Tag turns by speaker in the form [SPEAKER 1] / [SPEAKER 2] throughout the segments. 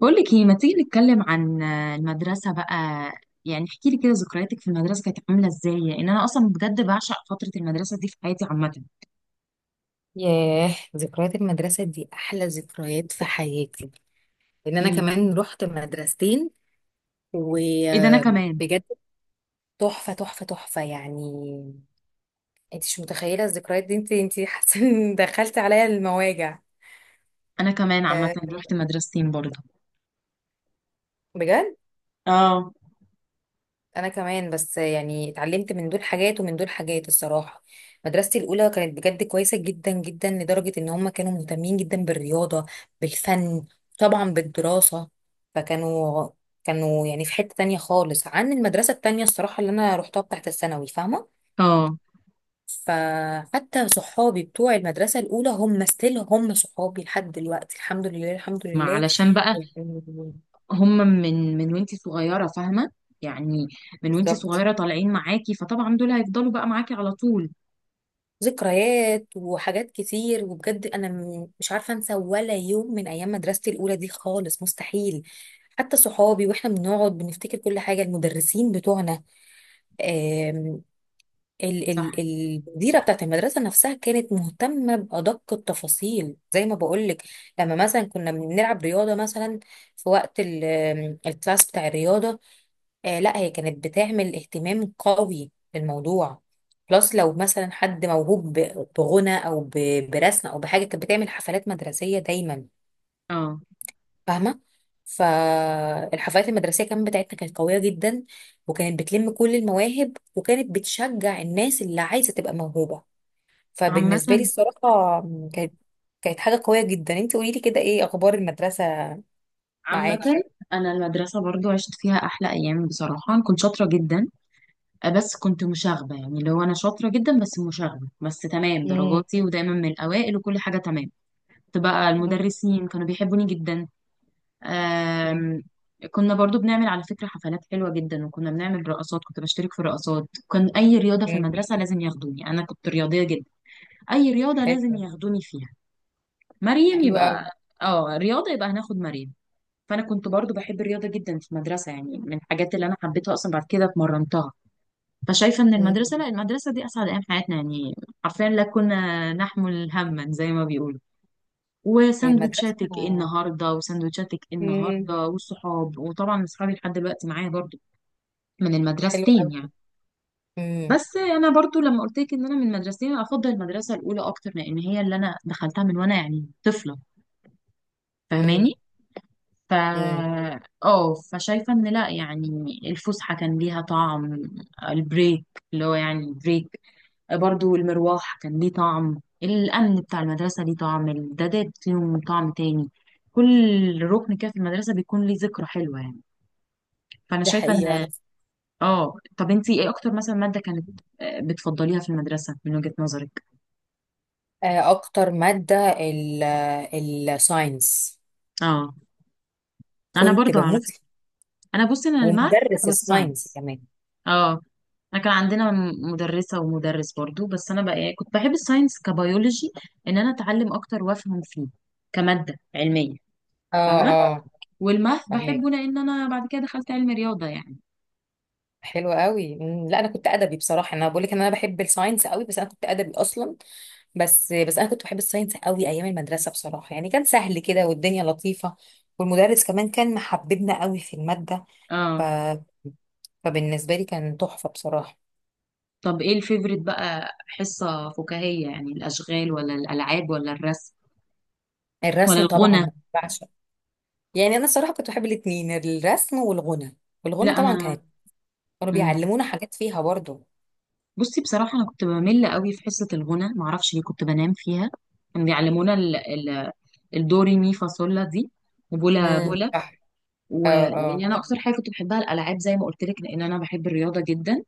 [SPEAKER 1] بقولك ايه، ما تيجي نتكلم عن المدرسة بقى؟ يعني احكي لي كده ذكرياتك في المدرسة كانت عاملة ازاي، لان انا اصلا بجد بعشق فترة المدرسة دي في حياتي عامة.
[SPEAKER 2] ياه، ذكريات المدرسة دي أحلى ذكريات في حياتي، لأن أنا
[SPEAKER 1] امم
[SPEAKER 2] كمان رحت مدرستين.
[SPEAKER 1] ايه ده، انا
[SPEAKER 2] وبجد
[SPEAKER 1] كمان.
[SPEAKER 2] تحفة يعني. أنت مش متخيلة الذكريات دي. أنت حاسة إن دخلت عليا المواجع.
[SPEAKER 1] انا كمان عامة
[SPEAKER 2] أه
[SPEAKER 1] رحت مدرستين برضه.
[SPEAKER 2] بجد
[SPEAKER 1] اه.
[SPEAKER 2] انا كمان، بس يعني اتعلمت من دول حاجات ومن دول حاجات الصراحه. مدرستي الاولى كانت بجد كويسه جدا جدا، لدرجه ان هم كانوا مهتمين جدا بالرياضه، بالفن، طبعا بالدراسه. فكانوا كانوا يعني في حته تانية خالص عن المدرسه التانية الصراحه، اللي انا روحتها بتاعت الثانوي، فاهمه.
[SPEAKER 1] اه.
[SPEAKER 2] فحتى صحابي بتوع المدرسه الاولى هم ستيل هم صحابي لحد دلوقتي، الحمد لله الحمد
[SPEAKER 1] ما
[SPEAKER 2] لله
[SPEAKER 1] علشان بقى
[SPEAKER 2] يعني.
[SPEAKER 1] هم من وانتي صغيرة، فاهمة؟ يعني من وانتي
[SPEAKER 2] بالظبط،
[SPEAKER 1] صغيرة طالعين معاكي، فطبعا دول هيفضلوا بقى معاكي على طول.
[SPEAKER 2] ذكريات وحاجات كتير، وبجد انا مش عارفه انسى ولا يوم من ايام مدرستي الاولى دي خالص، مستحيل. حتى صحابي واحنا بنقعد بنفتكر كل حاجه، المدرسين بتوعنا. آم،
[SPEAKER 1] صح.
[SPEAKER 2] المديره بتاعت المدرسه نفسها كانت مهتمه بادق التفاصيل زي ما بقولك. لما مثلا كنا بنلعب رياضه مثلا، في وقت ال- آم، الكلاس بتاع الرياضه، آه لا هي كانت بتعمل اهتمام قوي للموضوع. بلس لو مثلا حد موهوب بغنى او برسم او بحاجه، كانت بتعمل حفلات مدرسيه دايما،
[SPEAKER 1] اه.
[SPEAKER 2] فاهمه. فالحفلات المدرسيه كمان بتاعتنا كانت قويه جدا، وكانت بتلم كل المواهب، وكانت بتشجع الناس اللي عايزه تبقى موهوبه.
[SPEAKER 1] عامة.
[SPEAKER 2] فبالنسبه لي الصراحه، كانت حاجه قويه جدا. انت قولي لي كده، ايه اخبار المدرسه
[SPEAKER 1] عامة
[SPEAKER 2] معاكي؟
[SPEAKER 1] انا المدرسة برضو عشت فيها احلى ايام. بصراحة أنا كنت شاطرة جدا. بس كنت مشاغبة، يعني اللي هو أنا شاطرة جدا بس مشاغبة، بس تمام،
[SPEAKER 2] امم.
[SPEAKER 1] درجاتي ودايما من الأوائل وكل حاجة تمام. كنت بقى المدرسين كانوا بيحبوني جدا.
[SPEAKER 2] أوكي.
[SPEAKER 1] آم، كنا برضو بنعمل على فكرة حفلات حلوة جدا، وكنا بنعمل رقصات، كنت بشترك في رقصات، كان أي رياضة في
[SPEAKER 2] مم.
[SPEAKER 1] المدرسة لازم ياخدوني، أنا كنت رياضية جدا. أي رياضة لازم
[SPEAKER 2] حلو.
[SPEAKER 1] ياخدوني فيها. مريم
[SPEAKER 2] حلو
[SPEAKER 1] يبقى. اه رياضة يبقى هناخد مريم. فأنا كنت برضو بحب الرياضة جدا في المدرسة، يعني من الحاجات اللي أنا حبيتها أصلا بعد كده اتمرنتها. فشايفة ان
[SPEAKER 2] قوي.
[SPEAKER 1] المدرسة، لا المدرسة دي اسعد ايام حياتنا يعني. حرفيا لا كنا نحمل هما زي ما بيقولوا،
[SPEAKER 2] إيه مدرسة؟
[SPEAKER 1] وساندوتشاتك ايه النهارده وساندوتشاتك ايه
[SPEAKER 2] مم.
[SPEAKER 1] النهارده والصحاب، وطبعا اصحابي لحد دلوقتي معايا برضو. من
[SPEAKER 2] حلو
[SPEAKER 1] المدرستين
[SPEAKER 2] قوي.
[SPEAKER 1] يعني.
[SPEAKER 2] مم.
[SPEAKER 1] بس انا برضو لما قلت لك ان انا من مدرستين، افضل المدرسة الاولى اكتر لان هي اللي انا دخلتها من وانا يعني طفلة،
[SPEAKER 2] مم.
[SPEAKER 1] فاهماني؟ ف،
[SPEAKER 2] مم.
[SPEAKER 1] اه فشايفة ان لا يعني الفسحة كان ليها طعم، البريك، اللي هو يعني بريك. برضو المروح كان ليه طعم، الأمن بتاع المدرسة ليه طعم، الدادات ليهم طعم تاني. كل ركن كده في المدرسة بيكون ليه ذكرى حلوة يعني. فأنا
[SPEAKER 2] ده
[SPEAKER 1] شايفة
[SPEAKER 2] حقيقة.
[SPEAKER 1] إن،
[SPEAKER 2] أنا
[SPEAKER 1] اه طب انتي ايه أكتر مثلا مادة كانت بتفضليها في المدرسة من وجهة نظرك؟
[SPEAKER 2] آه، أكتر مادة الساينس،
[SPEAKER 1] اه أنا
[SPEAKER 2] كنت
[SPEAKER 1] برضو على
[SPEAKER 2] بموت
[SPEAKER 1] فكرة.
[SPEAKER 2] فيه.
[SPEAKER 1] أنا بصي أنا الماث
[SPEAKER 2] ومدرس الساينس
[SPEAKER 1] والساينس.
[SPEAKER 2] كمان.
[SPEAKER 1] اه انا كان عندنا مدرسة ومدرس برضو، بس انا بقى كنت بحب الساينس كبيولوجي، ان انا اتعلم اكتر وافهم فيه كمادة علمية،
[SPEAKER 2] اه.
[SPEAKER 1] فاهمة؟
[SPEAKER 2] اه.
[SPEAKER 1] والماث
[SPEAKER 2] فهمك.
[SPEAKER 1] بحبه لان انا بعد كده دخلت علم رياضه يعني.
[SPEAKER 2] حلو قوي. مم. لا أنا كنت أدبي بصراحة، أنا بقول لك إن أنا بحب الساينس قوي، بس أنا كنت أدبي أصلا. بس أنا كنت بحب الساينس قوي أيام المدرسة بصراحة، يعني كان سهل كده والدنيا لطيفة، والمدرس كمان كان محببنا قوي في المادة. ف...
[SPEAKER 1] اه
[SPEAKER 2] فبالنسبة لي كان تحفة بصراحة.
[SPEAKER 1] طب ايه الفيفوريت بقى، حصه فكاهيه يعني؟ الاشغال ولا الالعاب ولا الرسم ولا
[SPEAKER 2] الرسم طبعا
[SPEAKER 1] الغنى؟
[SPEAKER 2] بعشق. يعني أنا الصراحة كنت بحب الاتنين، الرسم والغنى. والغنى
[SPEAKER 1] لا
[SPEAKER 2] طبعا
[SPEAKER 1] انا.
[SPEAKER 2] كانت، كانوا
[SPEAKER 1] مم.
[SPEAKER 2] بيعلمونا حاجات فيها برضو.
[SPEAKER 1] بصي بصراحه انا كنت بمل قوي في حصه الغنى، معرفش ليه، كنت بنام فيها. كانوا بيعلمونا الدوري مي فاصولا دي، وبولا بولا.
[SPEAKER 2] صح. اه.
[SPEAKER 1] ويعني
[SPEAKER 2] اه.
[SPEAKER 1] انا اكتر حاجه كنت بحبها الالعاب زي ما قلت لك، لان انا بحب الرياضه جدا.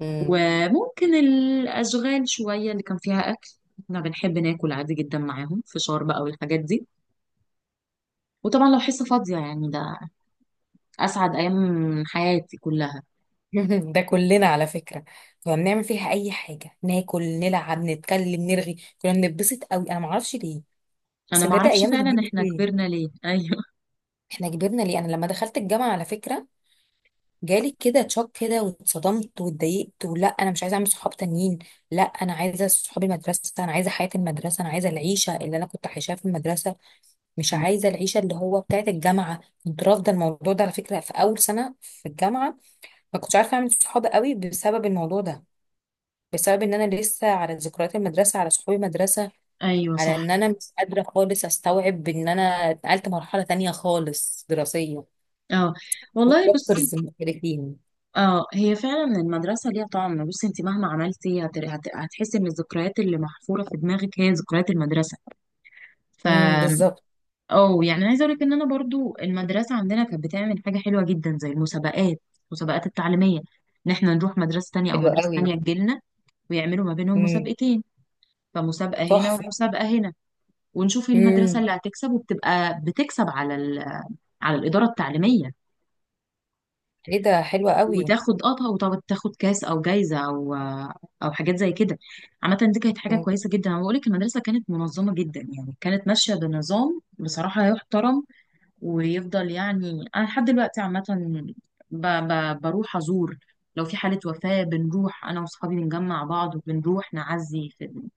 [SPEAKER 2] مم.
[SPEAKER 1] وممكن الأشغال شوية اللي كان فيها أكل، احنا بنحب ناكل عادي جدا معاهم، فشار بقى والحاجات دي. وطبعا لو حصة فاضية يعني ده أسعد أيام حياتي كلها.
[SPEAKER 2] ده كلنا على فكرة. كنا بنعمل فيها أي حاجة، ناكل، نلعب، نتكلم، نرغي. كنا بنتبسط قوي أنا معرفش ليه.
[SPEAKER 1] أنا
[SPEAKER 2] بس بجد
[SPEAKER 1] معرفش
[SPEAKER 2] أيام
[SPEAKER 1] فعلا
[SPEAKER 2] زمان
[SPEAKER 1] احنا
[SPEAKER 2] دي،
[SPEAKER 1] كبرنا ليه، أيوه.
[SPEAKER 2] إحنا كبرنا ليه؟ أنا لما دخلت الجامعة على فكرة، جالك كده تشوك كده، واتصدمت واتضايقت. ولا انا مش عايزه اعمل صحاب تانيين، لا انا عايزه صحاب المدرسه، انا عايزه حياه المدرسه، انا عايزه العيشه اللي انا كنت عايشاها في المدرسه، مش
[SPEAKER 1] مم.
[SPEAKER 2] عايزه العيشه اللي هو بتاعه الجامعه. كنت رافضه الموضوع ده على فكره في اول سنه في الجامعه. ما كنتش عارفه اعمل صحاب قوي بسبب الموضوع ده، بسبب ان انا لسه على ذكريات المدرسه، على صحاب المدرسه،
[SPEAKER 1] ايوه
[SPEAKER 2] على
[SPEAKER 1] صح.
[SPEAKER 2] ان انا مش قادره خالص استوعب ان انا اتنقلت مرحله تانية خالص دراسيه،
[SPEAKER 1] اه والله بصي.
[SPEAKER 2] والدكتورز مختلفين.
[SPEAKER 1] اه هي فعلا المدرسه ليها طعم، بصي انت مهما عملتي هتحسي ان الذكريات اللي محفوره في دماغك هي ذكريات المدرسه. ف،
[SPEAKER 2] بالظبط.
[SPEAKER 1] اه يعني عايزه اقول لك ان انا برضو المدرسه عندنا كانت بتعمل حاجه حلوه جدا زي المسابقات، المسابقات التعليميه، ان احنا نروح مدرسه تانية او
[SPEAKER 2] حلو
[SPEAKER 1] مدرسه
[SPEAKER 2] قوي.
[SPEAKER 1] تانية تجيلنا، ويعملوا ما بينهم
[SPEAKER 2] مم.
[SPEAKER 1] مسابقتين. فمسابقه هنا
[SPEAKER 2] تحفة.
[SPEAKER 1] ومسابقه هنا، ونشوف المدرسه
[SPEAKER 2] مم.
[SPEAKER 1] اللي هتكسب، وبتبقى بتكسب على على الاداره التعليميه،
[SPEAKER 2] ايه ده، حلوة قوي.
[SPEAKER 1] وتاخد اه، وطب تاخد كاس او جايزه او او حاجات زي كده. عامه دي كانت حاجه
[SPEAKER 2] مم.
[SPEAKER 1] كويسه جدا، انا بقول لك المدرسه كانت منظمه جدا، يعني كانت ماشيه بنظام بصراحه يحترم ويفضل. يعني انا لحد دلوقتي عامه بروح ازور، لو في حاله وفاه بنروح انا واصحابي بنجمع بعض وبنروح نعزي في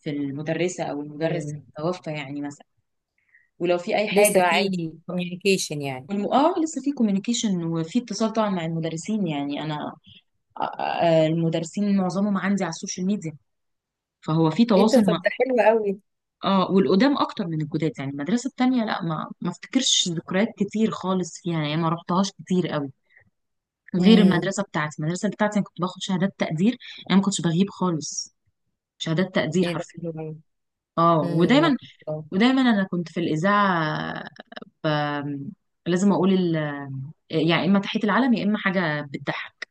[SPEAKER 1] في المدرسه او المدرس
[SPEAKER 2] مم.
[SPEAKER 1] اللي توفى يعني مثلا. ولو في اي
[SPEAKER 2] لسه
[SPEAKER 1] حاجه عادي.
[SPEAKER 2] في كوميونيكيشن يعني؟
[SPEAKER 1] اه لسه في كوميونيكيشن وفي اتصال طبعا مع المدرسين، يعني انا المدرسين معظمهم عندي على السوشيال ميديا، فهو في
[SPEAKER 2] ايه ده،
[SPEAKER 1] تواصل مع،
[SPEAKER 2] طب ده حلو قوي.
[SPEAKER 1] اه والقدام اكتر من الجداد. يعني المدرسه التانيه لا ما ما افتكرش ذكريات كتير خالص فيها يعني، ما رحتهاش كتير قوي غير
[SPEAKER 2] مم.
[SPEAKER 1] المدرسه بتاعتي. المدرسه بتاعتي انا كنت باخد شهادات تقدير، انا ما كنتش بغيب خالص، شهادات تقدير
[SPEAKER 2] ايه ده
[SPEAKER 1] حرفيا.
[SPEAKER 2] حلو قوي.
[SPEAKER 1] اه
[SPEAKER 2] مم.
[SPEAKER 1] ودايما، ودايما انا كنت في الاذاعه، ب... لازم اقول يعني اما تحيه العلم يا اما حاجه بتضحك.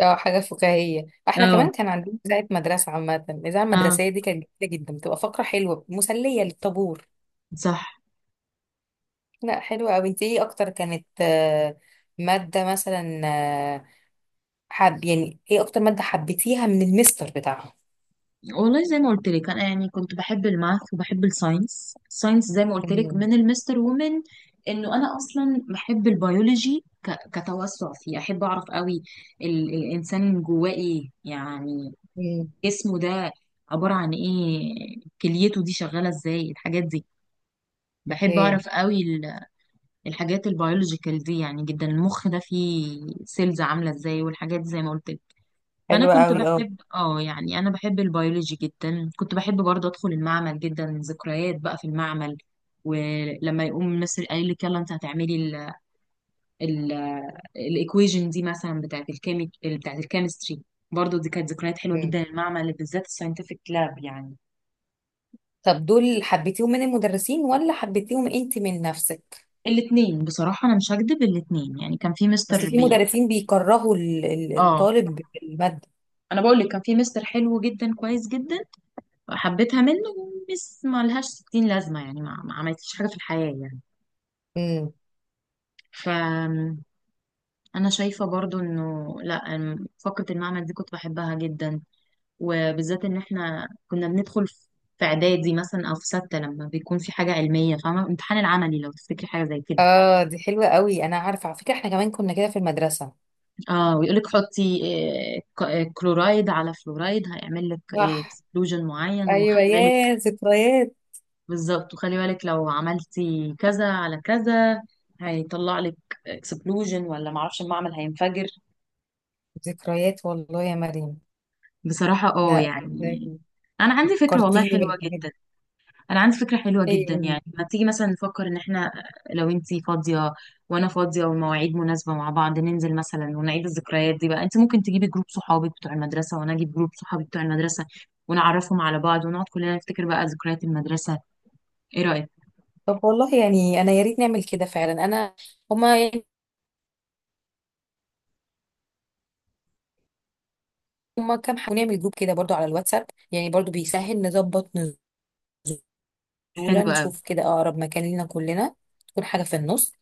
[SPEAKER 2] اه حاجة فكاهية، احنا
[SPEAKER 1] اه.
[SPEAKER 2] كمان كان عندنا إذاعة مدرسة. عامة الإذاعة
[SPEAKER 1] اه.
[SPEAKER 2] المدرسية دي كانت جميلة جدا، بتبقى فقرة حلوة مسلية للطابور.
[SPEAKER 1] صح.
[SPEAKER 2] لا حلوة قوي. انت ايه اكتر كانت آه، مادة مثلا آه، حب، يعني ايه اكتر مادة حبيتيها من المستر بتاعها؟
[SPEAKER 1] والله زي ما قلت لك انا يعني كنت بحب الماث وبحب الساينس، الساينس زي ما قلت لك
[SPEAKER 2] مم.
[SPEAKER 1] من المستر، ومن انه انا اصلا بحب البيولوجي كتوسع فيه، احب اعرف قوي الانسان جواه ايه يعني،
[SPEAKER 2] مم.
[SPEAKER 1] جسمه ده عبارة عن ايه، كليته دي شغالة ازاي، الحاجات دي. بحب
[SPEAKER 2] اوكي.
[SPEAKER 1] اعرف قوي الحاجات البيولوجيكال دي يعني جدا. المخ ده فيه سيلز عاملة ازاي والحاجات دي زي ما قلت لك. فانا
[SPEAKER 2] حلوة
[SPEAKER 1] كنت
[SPEAKER 2] قوي اه.
[SPEAKER 1] بحب اه يعني انا بحب البيولوجي جدا، كنت بحب برضه ادخل المعمل جدا، ذكريات بقى في المعمل. ولما يقوم مصر قايل لك يلا انت هتعملي ال الايكويجن دي مثلا بتاعت الكيمي بتاعت الكيمستري، برضه دي كانت ذكريات حلوه
[SPEAKER 2] مم.
[SPEAKER 1] جدا، المعمل بالذات الساينتفك لاب يعني.
[SPEAKER 2] طب دول حبيتيهم من المدرسين ولا حبيتيهم انت من نفسك؟
[SPEAKER 1] الاتنين بصراحة، أنا مش هكدب، الاتنين يعني كان في
[SPEAKER 2] اصل
[SPEAKER 1] مستر
[SPEAKER 2] في
[SPEAKER 1] بي.
[SPEAKER 2] مدرسين بيكرهوا
[SPEAKER 1] اه
[SPEAKER 2] الطالب بالمادة.
[SPEAKER 1] أنا بقول لك كان في مستر حلو جدا، كويس جدا، حبيتها منه، ومس ما لهاش ستين لازمة يعني ما عملتليش حاجة في الحياة يعني.
[SPEAKER 2] مم.
[SPEAKER 1] ف أنا شايفة برضو إنه لأ فقرة المعمل دي كنت بحبها جدا، وبالذات إن إحنا كنا بندخل في في إعدادي مثلا أو في ستة لما بيكون في حاجة علمية، فاهمة؟ الامتحان العملي لو تفتكري حاجة زي كده.
[SPEAKER 2] اه دي حلوة قوي، انا عارفة على فكرة، احنا كمان كنا كده في المدرسة.
[SPEAKER 1] اه ويقول لك حطي كلورايد على فلورايد هيعمل لك
[SPEAKER 2] صح.
[SPEAKER 1] اكسبلوجن معين،
[SPEAKER 2] ايوه
[SPEAKER 1] وخلي بالك.
[SPEAKER 2] يا ذكريات.
[SPEAKER 1] بالظبط، وخلي بالك لو عملتي كذا على كذا هيطلع لك اكسبلوجن، ولا معرفش المعمل هينفجر.
[SPEAKER 2] ذكريات والله يا مريم.
[SPEAKER 1] بصراحة اه
[SPEAKER 2] لا
[SPEAKER 1] يعني
[SPEAKER 2] ازاي؟
[SPEAKER 1] انا عندي فكرة والله
[SPEAKER 2] فكرتيني
[SPEAKER 1] حلوة
[SPEAKER 2] بالحاجات دي.
[SPEAKER 1] جدا، انا عندي فكره حلوه جدا،
[SPEAKER 2] ايوه.
[SPEAKER 1] يعني ما تيجي مثلا نفكر ان احنا، لو انتي فاضيه وانا فاضيه والمواعيد مناسبه مع بعض، ننزل مثلا ونعيد الذكريات دي بقى. انت ممكن تجيبي جروب صحابك بتوع المدرسه، وانا اجيب جروب صحابي بتوع المدرسه، ونعرفهم على بعض، ونقعد كلنا نفتكر بقى ذكريات المدرسه. ايه رايك؟
[SPEAKER 2] طب والله يعني انا يا ريت نعمل كده فعلا. انا هما يعني، هما كام حاجة، نعمل جروب كده برضو على الواتساب، يعني برضو بيسهل نظبط دولة،
[SPEAKER 1] حلو قوي.
[SPEAKER 2] نشوف كده أقرب مكان لينا كلنا، تكون حاجة في النص،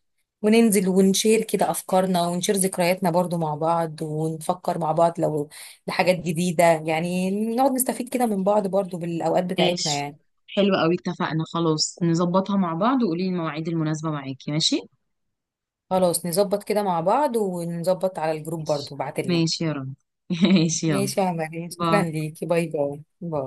[SPEAKER 2] وننزل ونشير كده أفكارنا، ونشير ذكرياتنا برضو مع بعض، ونفكر مع بعض لو لحاجات جديدة، يعني نقعد نستفيد كده من بعض برضو بالأوقات بتاعتنا
[SPEAKER 1] ماشي.
[SPEAKER 2] يعني.
[SPEAKER 1] حلو قوي، اتفقنا، خلاص نظبطها مع بعض، وقولي لي المواعيد المناسبه معاكي. ماشي.
[SPEAKER 2] خلاص نظبط كده مع بعض، ونظبط على الجروب
[SPEAKER 1] ماشي.
[SPEAKER 2] برضو بعتلنا.
[SPEAKER 1] ماشي يا رب. ماشي يلا.
[SPEAKER 2] ماشي يا عمر، شكرا
[SPEAKER 1] باي.
[SPEAKER 2] ليكي، باي باي باي.